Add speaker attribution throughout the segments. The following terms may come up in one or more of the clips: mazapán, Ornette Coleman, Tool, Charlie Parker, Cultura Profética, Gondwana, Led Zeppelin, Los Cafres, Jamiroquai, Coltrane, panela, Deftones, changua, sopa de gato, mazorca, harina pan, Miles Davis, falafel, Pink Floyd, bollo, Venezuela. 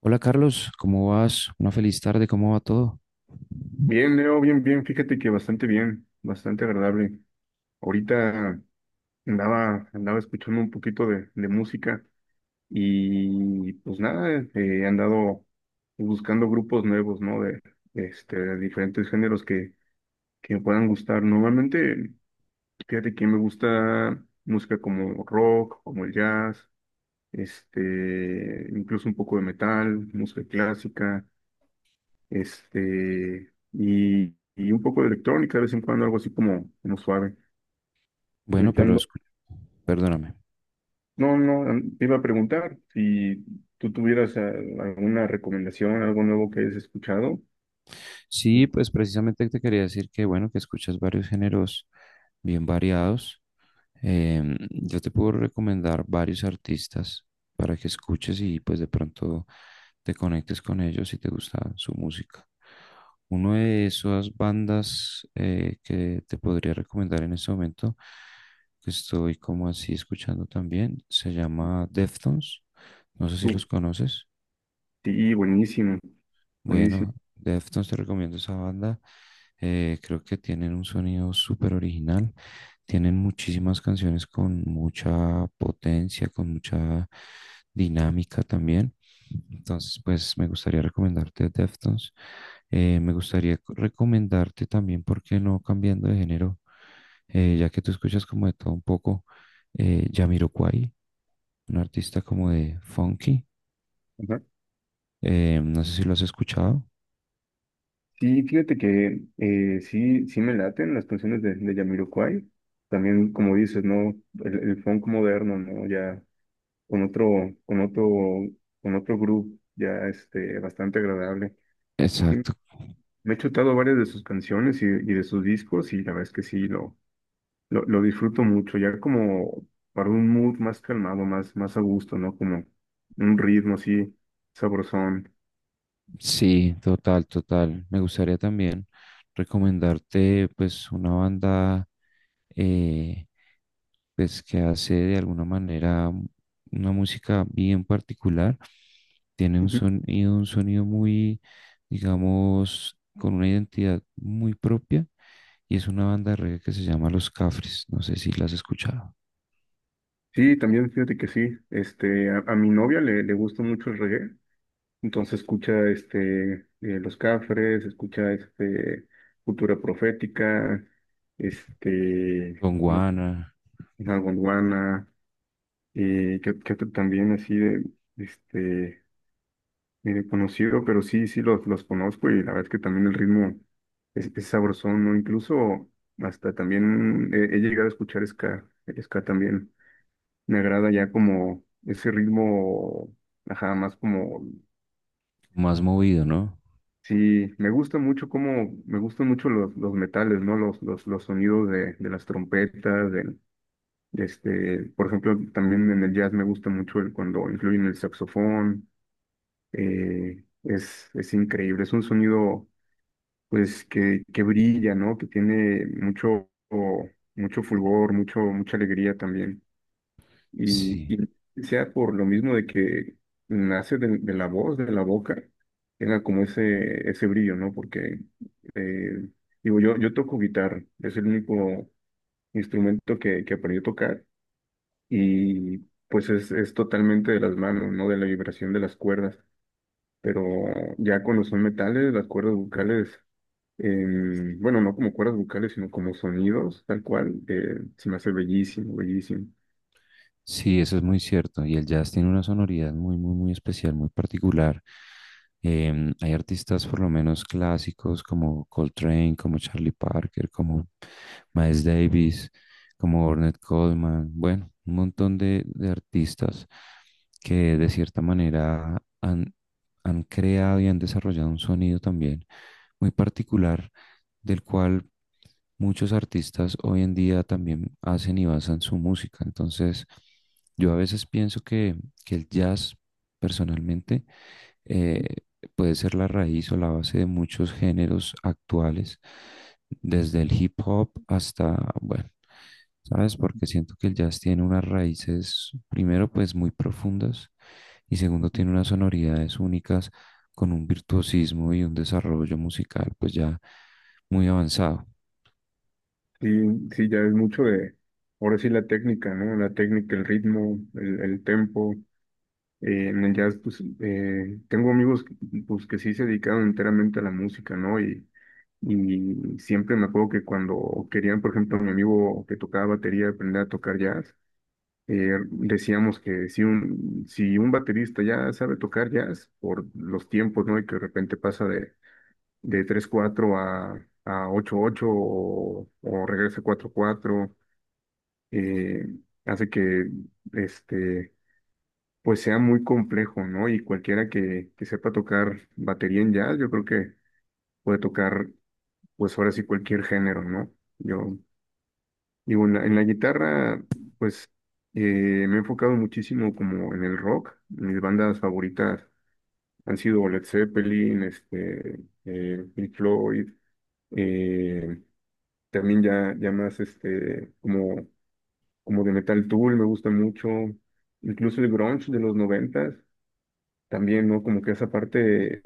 Speaker 1: Hola, Carlos, ¿cómo vas? Una feliz tarde, ¿cómo va todo?
Speaker 2: Bien, Leo, bien, bien. Fíjate que bastante bien, bastante agradable. Ahorita andaba escuchando un poquito de música y pues nada, he andado buscando grupos nuevos, ¿no? De, de diferentes géneros que me puedan gustar. Normalmente, fíjate que me gusta música como rock, como el jazz, incluso un poco de metal, música clásica. Y, y un poco de electrónica, de vez en cuando algo así como, como suave. Y
Speaker 1: Bueno,
Speaker 2: ahorita
Speaker 1: pero
Speaker 2: ando-
Speaker 1: perdóname.
Speaker 2: no, no, te iba a preguntar si tú tuvieras alguna recomendación, algo nuevo que hayas escuchado.
Speaker 1: Sí, pues precisamente te quería decir que, bueno, que escuchas varios géneros bien variados. Yo te puedo recomendar varios artistas para que escuches y pues de pronto te conectes con ellos si te gusta su música. Una de esas bandas, que te podría recomendar en este momento, que estoy como así escuchando también, se llama Deftones. No sé si los
Speaker 2: Uf,
Speaker 1: conoces.
Speaker 2: sí, buenísimo, buenísimo.
Speaker 1: Bueno, Deftones, te recomiendo esa banda. Creo que tienen un sonido súper original. Tienen muchísimas canciones con mucha potencia, con mucha dinámica también. Entonces, pues me gustaría recomendarte Deftones. Me gustaría recomendarte también, ¿por qué no cambiando de género? Ya que tú escuchas como de todo un poco, Jamiroquai, un artista como de funky.
Speaker 2: Ajá.
Speaker 1: No sé si lo has escuchado.
Speaker 2: Sí, fíjate que sí, sí me laten las canciones de Jamiroquai. También, como dices, ¿no? El funk moderno, ¿no? Ya con otro, con otro, con otro grupo, ya bastante agradable.
Speaker 1: Exacto.
Speaker 2: Me he chutado varias de sus canciones y de sus discos y la verdad es que sí, lo disfruto mucho, ya como para un mood más calmado, más, más a gusto, ¿no? Como un ritmo así sabrosón.
Speaker 1: Sí, total, total. Me gustaría también recomendarte pues una banda, eh, pues que hace de alguna manera una música bien particular. Tiene
Speaker 2: Ujú.
Speaker 1: un sonido muy, digamos, con una identidad muy propia, y es una banda de reggae que se llama Los Cafres. No sé si la has escuchado.
Speaker 2: Sí, también fíjate que sí, a mi novia le gusta mucho el reggae, entonces escucha Los Cafres, escucha Cultura Profética, este,
Speaker 1: Con
Speaker 2: una-
Speaker 1: Guana,
Speaker 2: una gondwana, que también así de, este... conocido, pero sí, los conozco y la verdad es que también el ritmo es sabrosón, ¿no? Incluso hasta también he llegado a escuchar ska, el ska también. Me agrada ya como ese ritmo, ajá, más como,
Speaker 1: más movido, ¿no?
Speaker 2: sí, me gusta mucho como, me gustan mucho los metales, ¿no? Los sonidos de las trompetas, del, por ejemplo, también en el jazz me gusta mucho cuando incluyen el saxofón, es increíble, es un sonido pues que brilla, ¿no? Que tiene mucho, mucho fulgor, mucho, mucha alegría también. Y,
Speaker 1: Sí.
Speaker 2: y sea por lo mismo de que nace de la voz, de la boca, tenga como ese brillo, ¿no? Porque, eh, digo, yo toco guitarra, es el único instrumento que aprendí a tocar y pues es totalmente de las manos, ¿no? De la vibración de las cuerdas. Pero ya cuando son metales, las cuerdas vocales bueno, no como cuerdas vocales, sino como sonidos, tal cual, se me hace bellísimo, bellísimo.
Speaker 1: Sí, eso es muy cierto. Y el jazz tiene una sonoridad muy, muy, muy especial, muy particular. Hay artistas, por lo menos clásicos, como Coltrane, como Charlie Parker, como Miles Davis, como Ornette Coleman. Bueno, un montón de artistas que de cierta manera han, han creado y han desarrollado un sonido también muy particular, del cual muchos artistas hoy en día también hacen y basan su música. Entonces, yo a veces pienso que el jazz, personalmente, eh, puede ser la raíz o la base de muchos géneros actuales, desde el hip hop hasta, bueno, ¿sabes? Porque siento que el jazz tiene unas raíces, primero, pues muy profundas, y segundo,
Speaker 2: Ujú.
Speaker 1: tiene unas sonoridades únicas con un virtuosismo y un desarrollo musical pues ya muy avanzado.
Speaker 2: Sí, sí, ya es mucho de, ahora sí la técnica, ¿no? La técnica, el ritmo, el tempo. En el jazz, pues, tengo amigos, pues, que sí se dedicaron enteramente a la música, ¿no? Y siempre me acuerdo que cuando querían, por ejemplo, mi amigo que tocaba batería aprender a tocar jazz, decíamos que si un baterista ya sabe tocar jazz por los tiempos, ¿no? Y que de repente pasa de tres cuatro a ocho ocho o regresa a 4-4, eh, hace que este, pues sea muy complejo, ¿no? Y cualquiera que sepa tocar batería en jazz, yo creo que puede tocar, pues ahora sí cualquier género, ¿no? Yo Digo, en la guitarra, pues eh, me he enfocado muchísimo como en el rock. Mis bandas favoritas han sido Led Zeppelin, Pink Floyd, eh, también ya, ya más como, como de Metal Tool, me gusta mucho. Incluso el grunge de los noventas, también, ¿no? Como que esa parte,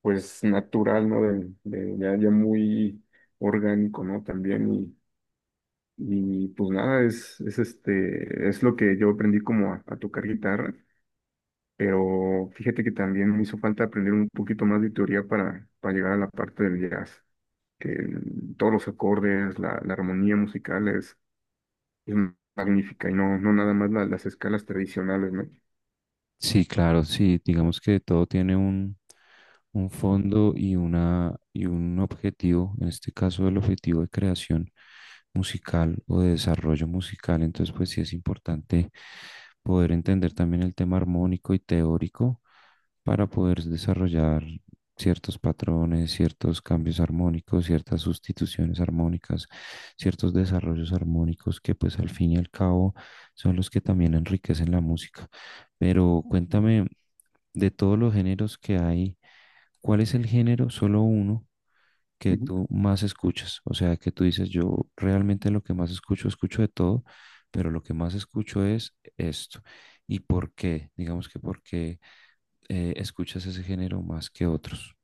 Speaker 2: pues, natural, ¿no? Ya, ya muy orgánico, ¿no? También, y pues nada, es, es lo que yo aprendí como a tocar guitarra, pero fíjate que también me hizo falta aprender un poquito más de teoría para llegar a la parte del jazz, todos los acordes, la armonía musical es magnífica y no, no nada más las escalas tradicionales, ¿no?
Speaker 1: Sí, claro, sí, digamos que todo tiene un fondo y, una, y un objetivo, en este caso el objetivo de creación musical o de desarrollo musical. Entonces pues sí es importante poder entender también el tema armónico y teórico para poder desarrollar ciertos patrones, ciertos cambios armónicos, ciertas sustituciones armónicas, ciertos desarrollos armónicos que pues al fin y al cabo son los que también enriquecen la música. Pero cuéntame, de todos los géneros que hay, ¿cuál es el género, solo uno, que
Speaker 2: Ujú.
Speaker 1: tú más escuchas? O sea, que tú dices, yo realmente lo que más escucho, escucho de todo, pero lo que más escucho es esto. ¿Y por qué? Digamos, que por qué escuchas ese género más que otros.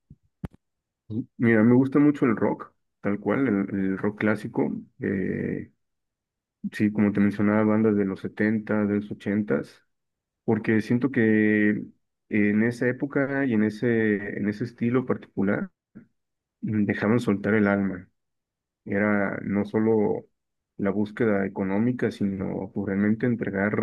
Speaker 2: Ujú. Mira, me gusta mucho el rock, tal cual, el rock clásico, eh, sí, como te mencionaba, bandas de los 70, de los 80 porque siento que en esa época y en ese estilo particular dejaban soltar el alma. Era no solo la búsqueda económica, sino pues, realmente entregar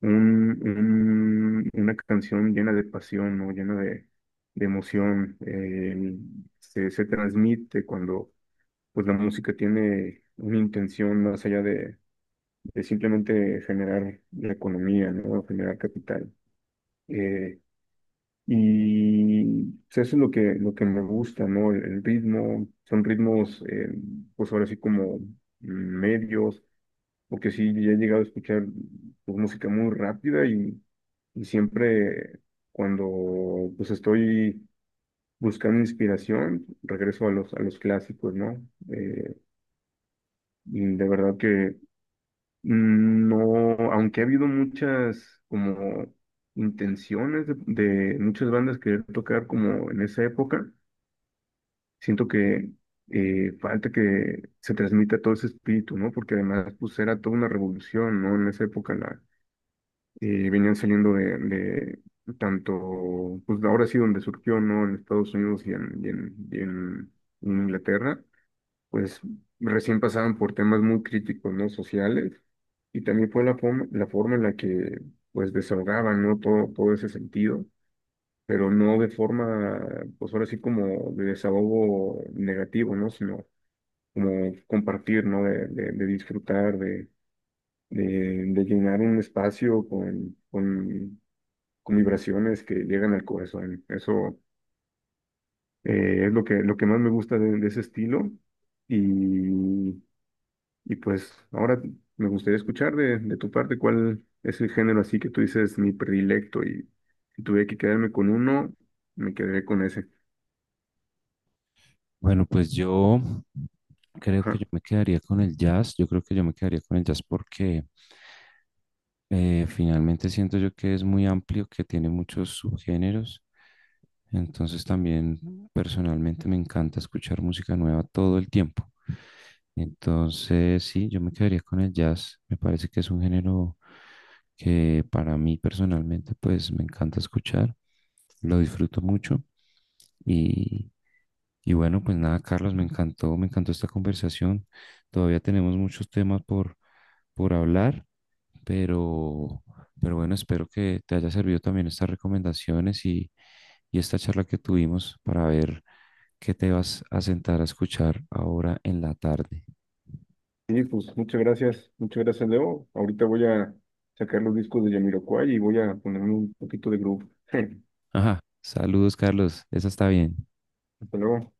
Speaker 2: una canción llena de pasión, ¿no? Llena de emoción. Se, se transmite cuando pues, la música tiene una intención más allá de simplemente generar la economía, ¿no? Generar capital. Eh, Y pues, eso es lo que me gusta, ¿no? El ritmo, son ritmos, pues ahora sí como medios, porque sí, ya he llegado a escuchar pues, música muy rápida y siempre cuando pues estoy buscando inspiración, regreso a los clásicos, ¿no? Eh, y de verdad que no, aunque ha habido muchas como intenciones de muchas bandas querer tocar como en esa época, siento que falta que se transmita todo ese espíritu, ¿no? Porque además, pues era toda una revolución, ¿no? En esa época la, venían saliendo de tanto, pues ahora sí donde surgió, ¿no? En Estados Unidos y en Inglaterra, pues recién pasaban por temas muy críticos, ¿no? Sociales. Y también fue la forma en la que, pues, desahogaban, ¿no? Todo, todo ese sentido pero no de forma, pues ahora sí como de desahogo negativo, ¿no? Sino como compartir, ¿no? De disfrutar, de, de llenar un espacio con vibraciones que llegan al corazón. Eso es lo que más me gusta de ese estilo. Y, y pues ahora me gustaría escuchar de tu parte cuál es el género así que tú dices mi predilecto y si tuve que quedarme con uno, me quedaré con ese.
Speaker 1: Bueno, pues yo creo que yo
Speaker 2: Ajá.
Speaker 1: me quedaría con el jazz. Yo creo que yo me quedaría con el jazz porque finalmente siento yo que es muy amplio, que tiene muchos subgéneros. Entonces también personalmente me encanta escuchar música nueva todo el tiempo. Entonces sí, yo me quedaría con el jazz. Me parece que es un género que para mí personalmente pues me encanta escuchar. Lo disfruto mucho, y, y bueno, pues nada, Carlos, me encantó esta conversación. Todavía tenemos muchos temas por hablar, pero, pero bueno, espero que te haya servido también estas recomendaciones y esta charla que tuvimos para ver que te vas a sentar a escuchar ahora en la tarde.
Speaker 2: Sí, pues muchas gracias, Leo. Ahorita voy a sacar los discos de Jamiroquai y voy a ponerme un poquito de groove.
Speaker 1: Ajá, saludos, Carlos. Esa está bien.
Speaker 2: Hasta luego.